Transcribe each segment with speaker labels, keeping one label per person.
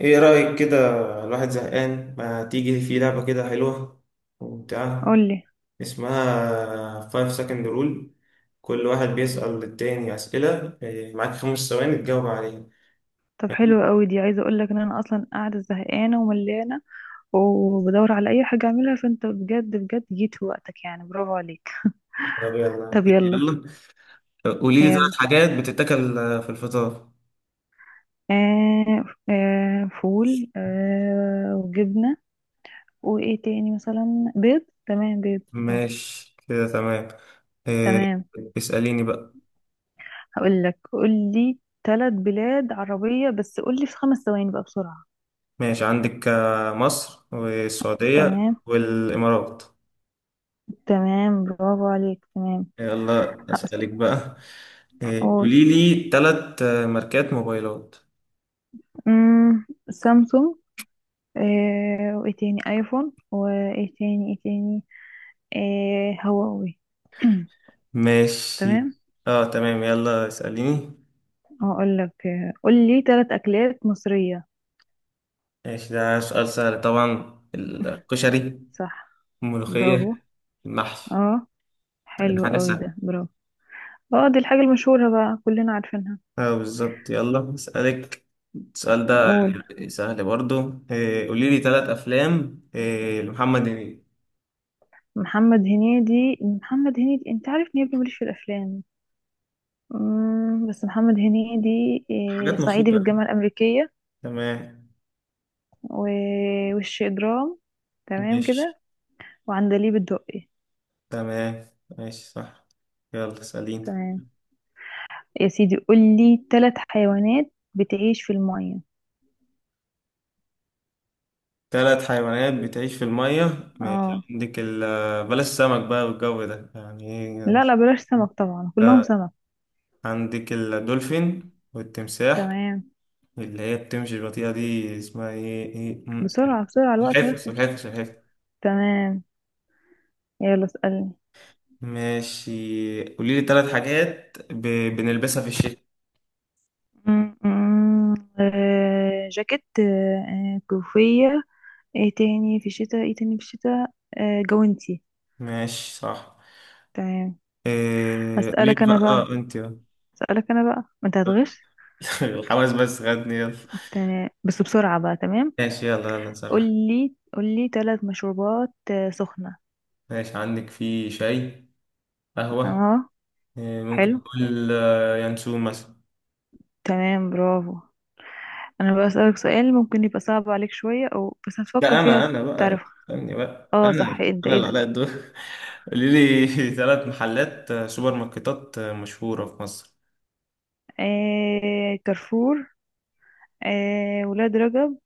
Speaker 1: ايه رأيك كده؟ الواحد زهقان، ما تيجي في لعبة كده حلوة وممتعة؟
Speaker 2: قولي.
Speaker 1: اسمها 5 second rule. كل واحد بيسأل التاني أسئلة، معاك 5 ثواني تجاوب عليها.
Speaker 2: طب حلو قوي دي، عايزه اقول لك ان انا اصلا قاعده زهقانه وملانه وبدور على اي حاجه اعملها، فانت بجد بجد جيت في وقتك، يعني برافو عليك.
Speaker 1: طب يلا
Speaker 2: طب
Speaker 1: نبتدي.
Speaker 2: يلا.
Speaker 1: يلا، قولي لي
Speaker 2: يلا.
Speaker 1: ثلاث حاجات بتتاكل في الفطار.
Speaker 2: آه آه فول، وجبنه، وايه تاني؟ مثلا بيض. تمام بيض. اه
Speaker 1: ماشي كده تمام. إيه،
Speaker 2: تمام.
Speaker 1: اسأليني بقى.
Speaker 2: هقول لك، قولي ثلاث بلاد عربيه، بس قولي في خمس ثواني بقى بسرعه.
Speaker 1: ماشي، عندك مصر والسعودية
Speaker 2: تمام.
Speaker 1: والإمارات.
Speaker 2: تمام برافو عليك. تمام.
Speaker 1: يلا أسألك بقى.
Speaker 2: هقول.
Speaker 1: قولي لي ثلاث ماركات موبايلات.
Speaker 2: سامسونج. آه وايه تاني؟ ايفون. وايه تاني؟ ايه تاني؟ آه هواوي.
Speaker 1: ماشي،
Speaker 2: تمام.
Speaker 1: اه تمام. يلا اسأليني.
Speaker 2: هقول لك قول لي ثلاث اكلات مصرية.
Speaker 1: ماشي، ده سؤال سهل، طبعا الكشري،
Speaker 2: صح. برافو.
Speaker 1: الملوخية، المحشي،
Speaker 2: اه
Speaker 1: يعني
Speaker 2: حلو
Speaker 1: حاجة
Speaker 2: قوي ده،
Speaker 1: سهلة.
Speaker 2: برافو. اه دي الحاجة المشهورة بقى، كلنا عارفينها.
Speaker 1: اه بالظبط، يلا اسألك السؤال ده.
Speaker 2: اقول.
Speaker 1: يعني سهل برضو. قولي لي ثلاث أفلام لمحمد هنيدي.
Speaker 2: محمد هنيدي، انت عارف ان يا ابني ماليش في الافلام. بس محمد هنيدي.
Speaker 1: حاجات
Speaker 2: صعيدي في
Speaker 1: مشهورة.
Speaker 2: الجامعة الأمريكية.
Speaker 1: تمام.
Speaker 2: وش إجرام. تمام
Speaker 1: ماشي.
Speaker 2: كده. وعندليب الدقي.
Speaker 1: تمام. ماشي صح. يلا اسأليني.
Speaker 2: تمام. يا سيدي قولي ثلاث حيوانات بتعيش في المية.
Speaker 1: ثلاث حيوانات بتعيش في المية. ماشي،
Speaker 2: اه
Speaker 1: عندك بلاش سمك بقى، والجو ده يعني ايه.
Speaker 2: لا لا بلاش سمك طبعا كلهم
Speaker 1: آه،
Speaker 2: سمك.
Speaker 1: عندك الدولفين والتمساح.
Speaker 2: تمام.
Speaker 1: اللي هي بتمشي البطيئة دي، اسمها ايه؟
Speaker 2: بسرعة بسرعة، الوقت
Speaker 1: سلحفاة
Speaker 2: هيخلص.
Speaker 1: سلحفاة سلحفاة.
Speaker 2: تمام. يلا اسألني.
Speaker 1: ماشي، قولي لي ثلاث حاجات بنلبسها في الشتاء.
Speaker 2: م- م- جاكيت، كوفية. ايه تاني في الشتاء؟ ايه تاني في الشتاء؟ جوانتي.
Speaker 1: ماشي صح.
Speaker 2: تمام.
Speaker 1: قولي
Speaker 2: هسألك
Speaker 1: لي
Speaker 2: انا
Speaker 1: بقى،
Speaker 2: بقى.
Speaker 1: اه انت
Speaker 2: هسألك انا بقى، ما انت هتغش.
Speaker 1: الحواس بس، خدني يلا.
Speaker 2: تمام بس بسرعة بقى. تمام.
Speaker 1: ماشي يلا يلا صراحة.
Speaker 2: قولي. قولي ثلاث مشروبات سخنة.
Speaker 1: ماشي، عندك في شاي، قهوة،
Speaker 2: اه
Speaker 1: ممكن
Speaker 2: حلو.
Speaker 1: نقول ينسون مثلا.
Speaker 2: تمام برافو. انا بسألك سؤال ممكن يبقى صعب عليك شوية، او بس هتفكر
Speaker 1: لا
Speaker 2: فيها.
Speaker 1: انا بقى
Speaker 2: تعرفها؟
Speaker 1: استني بقى،
Speaker 2: اه
Speaker 1: انا
Speaker 2: صح. ايه ده؟
Speaker 1: انا
Speaker 2: ايه
Speaker 1: اللي عليا
Speaker 2: ده؟
Speaker 1: الدور. قولي لي ثلاث محلات، سوبر ماركتات، مشهورة في مصر.
Speaker 2: آه كارفور. آه ولاد رجب.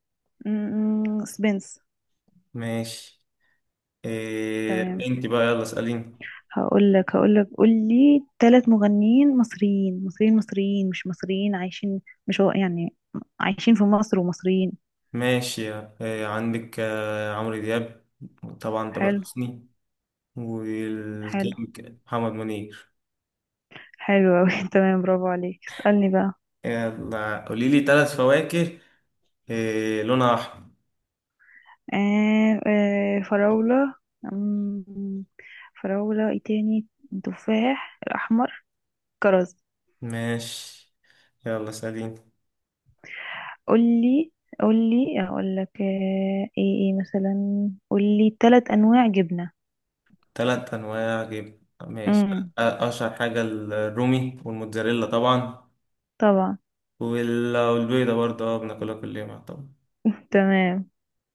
Speaker 2: سبنس.
Speaker 1: ماشي. إيه
Speaker 2: تمام.
Speaker 1: انت بقى، يلا اسأليني.
Speaker 2: هقول لك قول لي ثلاث مغنيين مصريين مصريين مصريين، مش مصريين عايشين، مش هو يعني، عايشين في مصر ومصريين.
Speaker 1: ماشي، إيه عندك، عمرو دياب، طبعا تامر
Speaker 2: حلو.
Speaker 1: حسني،
Speaker 2: حلو.
Speaker 1: والكينج محمد منير.
Speaker 2: حلو أوي. تمام برافو عليك. اسألني بقى.
Speaker 1: يلا، قولي لي ثلاث فواكه إيه لونها احمر.
Speaker 2: آه آه فراولة. مم، فراولة. ايه تاني؟ تفاح الأحمر. كرز.
Speaker 1: ماشي. يلا اسأليني.
Speaker 2: قولي. قولي. اقول لك، آه ايه ايه مثلا، قولي ثلاث انواع جبنة.
Speaker 1: تلات أنواع جبن، ماشي.
Speaker 2: امم
Speaker 1: أشهر حاجة الرومي والموتزاريلا طبعا،
Speaker 2: طبعا.
Speaker 1: والبيضة برضه، اه بناكلها كل يوم طبعا.
Speaker 2: تمام.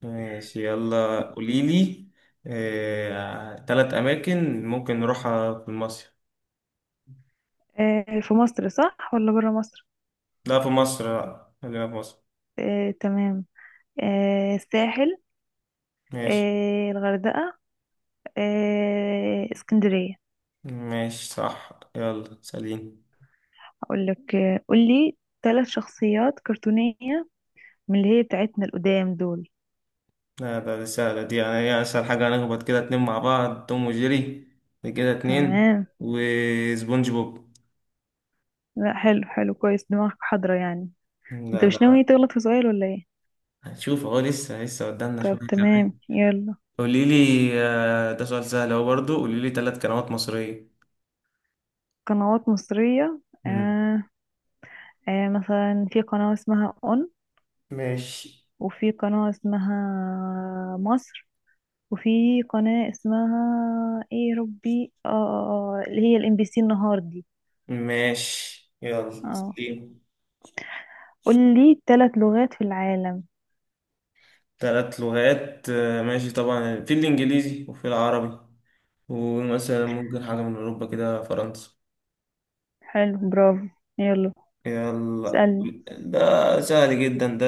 Speaker 1: ماشي. يلا قوليلي، تلات أماكن ممكن نروحها في مصر.
Speaker 2: آه في مصر صح ولا برا مصر؟
Speaker 1: لا في مصر، لا خلينا في مصر.
Speaker 2: آه تمام. آه الساحل.
Speaker 1: ماشي.
Speaker 2: آه الغردقة. آه اسكندرية.
Speaker 1: ماشي صح. يلا سليم.
Speaker 2: اقول لك، قولي ثلاث شخصيات كرتونية، من اللي هي بتاعتنا القدام دول.
Speaker 1: لا، ده دي سهلة دي، يعني هي أسهل حاجة، هنخبط كده اتنين مع بعض، توم وجيري، دي كده اتنين.
Speaker 2: تمام.
Speaker 1: وسبونج بوب.
Speaker 2: لا حلو. حلو كويس، دماغك حاضرة يعني. انت
Speaker 1: لا
Speaker 2: مش
Speaker 1: لا.
Speaker 2: ناوي تغلط في سؤال ولا ايه؟
Speaker 1: هنشوف اهو، لسه لسه قدامنا
Speaker 2: طب
Speaker 1: شوية
Speaker 2: تمام
Speaker 1: كمان.
Speaker 2: يلا.
Speaker 1: قولي لي، ده سؤال سهل اهو برضه، قولي لي ثلاث كلمات مصرية.
Speaker 2: قنوات مصرية.
Speaker 1: مم.
Speaker 2: آه. آه مثلا في قناة اسمها اون،
Speaker 1: ماشي.
Speaker 2: وفي قناة اسمها مصر، وفي قناة اسمها، ايه يا ربي؟ اه اللي هي الام بي سي، النهار دي.
Speaker 1: ماشي يلا
Speaker 2: اه
Speaker 1: سليم.
Speaker 2: قول لي ثلاث لغات في العالم.
Speaker 1: ثلاث لغات، ماشي، طبعا في الإنجليزي وفي العربي، ومثلا ممكن حاجة من أوروبا كده، فرنسا.
Speaker 2: حلو برافو. يلا
Speaker 1: يلا،
Speaker 2: اسألني.
Speaker 1: ده سهل جدا ده.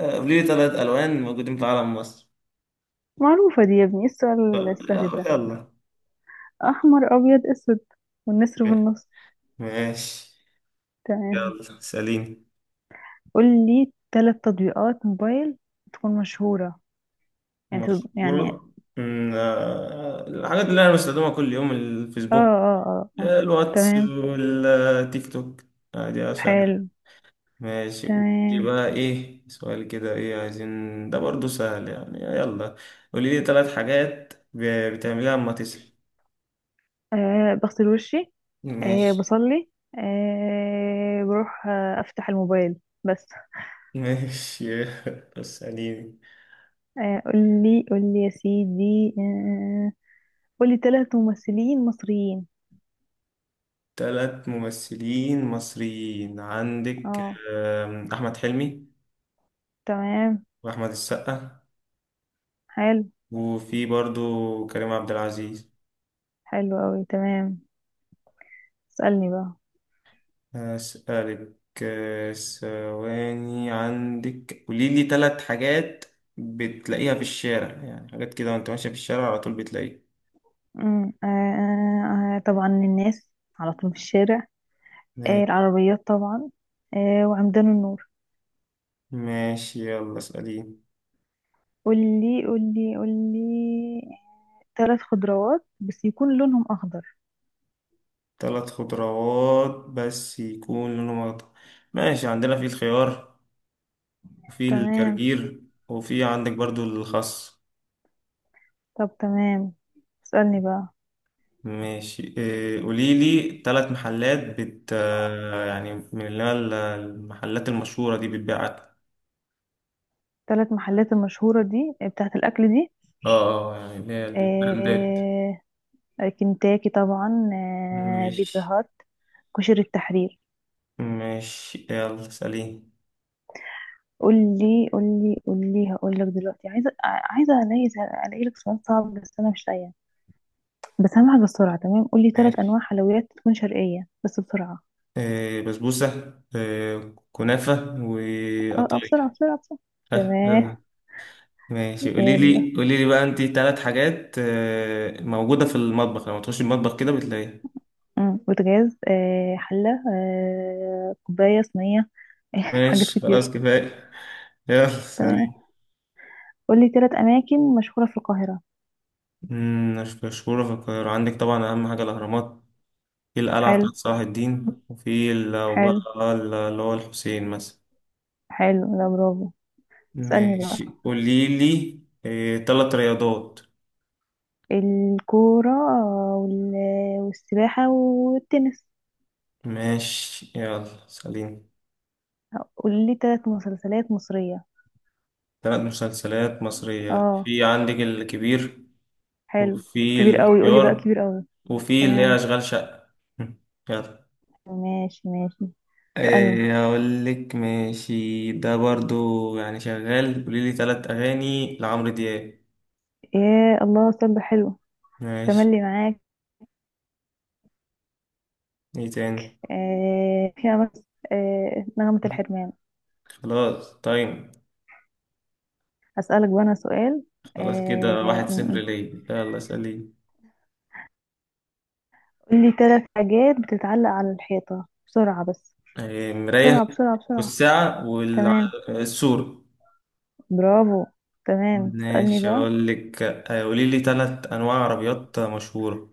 Speaker 1: قولي لي ثلاث ألوان موجودين في علم مصر.
Speaker 2: معروفة دي يا ابني، ايه السؤال
Speaker 1: آه،
Speaker 2: السهل ده؟
Speaker 1: يلا.
Speaker 2: احمر ابيض اسود، والنسر في النص.
Speaker 1: ماشي.
Speaker 2: تمام.
Speaker 1: يلا سليم.
Speaker 2: قول لي ثلاث تطبيقات موبايل تكون مشهورة، يعني يعني.
Speaker 1: مشهورة. الحاجات اللي أنا بستخدمها كل يوم،
Speaker 2: اه
Speaker 1: الفيسبوك،
Speaker 2: اه اه اه.
Speaker 1: الواتس
Speaker 2: تمام.
Speaker 1: والتيك توك. عادي يا سهل.
Speaker 2: حلو.
Speaker 1: ماشي. دي
Speaker 2: تمام.
Speaker 1: بقى إيه سؤال كده، إيه عايزين، ده برضو سهل يعني. يلا، قولي لي ثلاث حاجات بتعمليها أما تصحي.
Speaker 2: آه بغسل وشي. آه
Speaker 1: ماشي.
Speaker 2: بصلي. آه بروح، افتح الموبايل. بس.
Speaker 1: ماشي. اسأليني.
Speaker 2: قول لي، قول لي يا سيدي، قول لي ثلاث ممثلين مصريين.
Speaker 1: ثلاث ممثلين مصريين، عندك
Speaker 2: اه.
Speaker 1: أحمد حلمي،
Speaker 2: تمام.
Speaker 1: وأحمد السقا،
Speaker 2: حلو.
Speaker 1: وفي برضو كريم عبد العزيز.
Speaker 2: حلو قوي. تمام. اسألني بقى.
Speaker 1: هسألك، ثواني، عندك، قولي لي ثلاث حاجات بتلاقيها في الشارع، يعني حاجات كده وانت ماشية في الشارع على طول بتلاقيها.
Speaker 2: آه طبعا الناس، على طول في الشارع. آه
Speaker 1: ما-
Speaker 2: العربيات طبعا. آه وعمدان النور.
Speaker 1: ماشي. يلا اسأليني.
Speaker 2: قولي. قولي. قولي ثلاث خضروات بس يكون لونهم أخضر.
Speaker 1: ثلاث خضروات بس يكون لونهم أخضر. ماشي، عندنا في الخيار، وفي
Speaker 2: تمام.
Speaker 1: الجرجير، وفي عندك برضو الخس.
Speaker 2: طب تمام. اسألني بقى.
Speaker 1: ماشي. قولي لي ثلاث محلات بت يعني، من اللي هي المحلات المشهورة دي بتبيع أكل.
Speaker 2: ثلاث محلات المشهورة دي، بتاعت الأكل دي.
Speaker 1: اه اه، يعني اللي هي البراندات.
Speaker 2: آه. كنتاكي طبعا. آه بيتزا
Speaker 1: ماشي.
Speaker 2: هات. كشري التحرير.
Speaker 1: ماشي يلا سليم.
Speaker 2: قولي. قولي. قولي. هقولك دلوقتي عايزة، عايزة ألاقي. ألاقي لك سؤال صعب بس أنا مش لاقية، بس هعمل بسرعة. تمام قولي ثلاث
Speaker 1: ماشي،
Speaker 2: أنواع حلويات تكون شرقية بس بسرعة.
Speaker 1: آه بسبوسة، آه كنافة،
Speaker 2: اه اه
Speaker 1: وقطايف.
Speaker 2: بسرعة بسرعة بسرعة.
Speaker 1: آه. آه.
Speaker 2: تمام.
Speaker 1: ماشي، قولي
Speaker 2: يلا.
Speaker 1: لي قولي لي بقى انت ثلاث حاجات آه موجودة في المطبخ، لما تخش المطبخ كده بتلاقيها.
Speaker 2: بوتاجاز، آه حلة، آه كوباية صينية. حاجات
Speaker 1: ماشي،
Speaker 2: كتير.
Speaker 1: خلاص كفاية. يلا
Speaker 2: تمام.
Speaker 1: سليم.
Speaker 2: قولي تلات أماكن مشهورة في القاهرة.
Speaker 1: مش مشهورة في القاهرة، عندك طبعا أهم حاجة الأهرامات، في القلعة
Speaker 2: حلو.
Speaker 1: بتاعت صلاح الدين، وفي وبقى
Speaker 2: حلو.
Speaker 1: اللي هو الحسين مثلا.
Speaker 2: حلو لا برافو. اسألني بقى.
Speaker 1: ماشي، قولي لي إيه تلات رياضات.
Speaker 2: الكورة، وال... والسباحة والتنس.
Speaker 1: ماشي يلا سليم.
Speaker 2: قولي تلات مسلسلات مصرية.
Speaker 1: تلات مسلسلات مصرية،
Speaker 2: اه.
Speaker 1: في عندك الكبير،
Speaker 2: حلو.
Speaker 1: وفي
Speaker 2: كبير قوي قولي بقى،
Speaker 1: الاختيار،
Speaker 2: كبير قوي.
Speaker 1: وفي اللي هي
Speaker 2: تمام.
Speaker 1: أشغال شقة. مم. يلا.
Speaker 2: ماشي ماشي. اسألني.
Speaker 1: إيه أقول لك، ماشي ده برضو يعني شغال. قولي لي تلات أغاني لعمرو دياب.
Speaker 2: يا الله سبة، حلو.
Speaker 1: ماشي.
Speaker 2: تملي معاك.
Speaker 1: إيه تاني؟
Speaker 2: آه، فيها بس. آه، نغمة الحرمان.
Speaker 1: خلاص طيب.
Speaker 2: أسألك بقى أنا سؤال.
Speaker 1: خلاص كده
Speaker 2: آه،
Speaker 1: واحد
Speaker 2: م-
Speaker 1: صفر
Speaker 2: م.
Speaker 1: ليا، يلا سليم.
Speaker 2: قولي ثلاث حاجات بتتعلق على الحيطة بسرعة بس.
Speaker 1: مراية،
Speaker 2: بسرعة بسرعة بسرعة.
Speaker 1: والساعة،
Speaker 2: تمام.
Speaker 1: والسور.
Speaker 2: برافو. تمام. اسألني
Speaker 1: ماشي.
Speaker 2: بقى.
Speaker 1: أقول لك، قولي لي تلات أنواع عربيات مشهورة.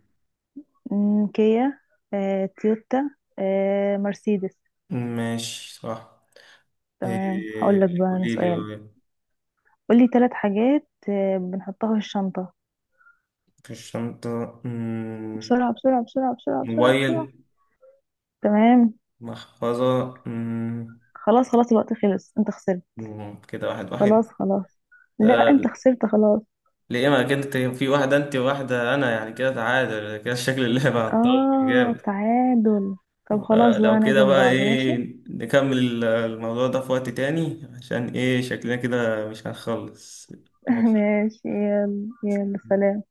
Speaker 2: كيا، تويوتا، مرسيدس.
Speaker 1: ماشي صح.
Speaker 2: تمام.
Speaker 1: آه،
Speaker 2: هقول لك بقى أنا
Speaker 1: قولي لي،
Speaker 2: سؤال. قولي ثلاث حاجات بنحطها في الشنطة.
Speaker 1: في الشنطة.
Speaker 2: بسرعة بسرعة بسرعة بسرعة بسرعة بسرعة.
Speaker 1: موبايل،
Speaker 2: تمام.
Speaker 1: محفظة.
Speaker 2: خلاص خلاص، الوقت خلص، انت خسرت.
Speaker 1: كده واحد واحد.
Speaker 2: خلاص خلاص. لا
Speaker 1: آه،
Speaker 2: انت خسرت خلاص.
Speaker 1: ليه؟ ما كده في واحدة أنت وواحدة أنا، يعني كده تعادل، كده شكل اللعبة هتطول
Speaker 2: اه
Speaker 1: جامد.
Speaker 2: تعادل. طب خلاص
Speaker 1: لو
Speaker 2: بقى،
Speaker 1: كده
Speaker 2: نعزم
Speaker 1: بقى
Speaker 2: بعض
Speaker 1: ايه،
Speaker 2: ماشي.
Speaker 1: نكمل الموضوع ده في وقت تاني، عشان ايه شكلنا كده مش هنخلص. ماشي.
Speaker 2: ماشي يلا يلا سلام.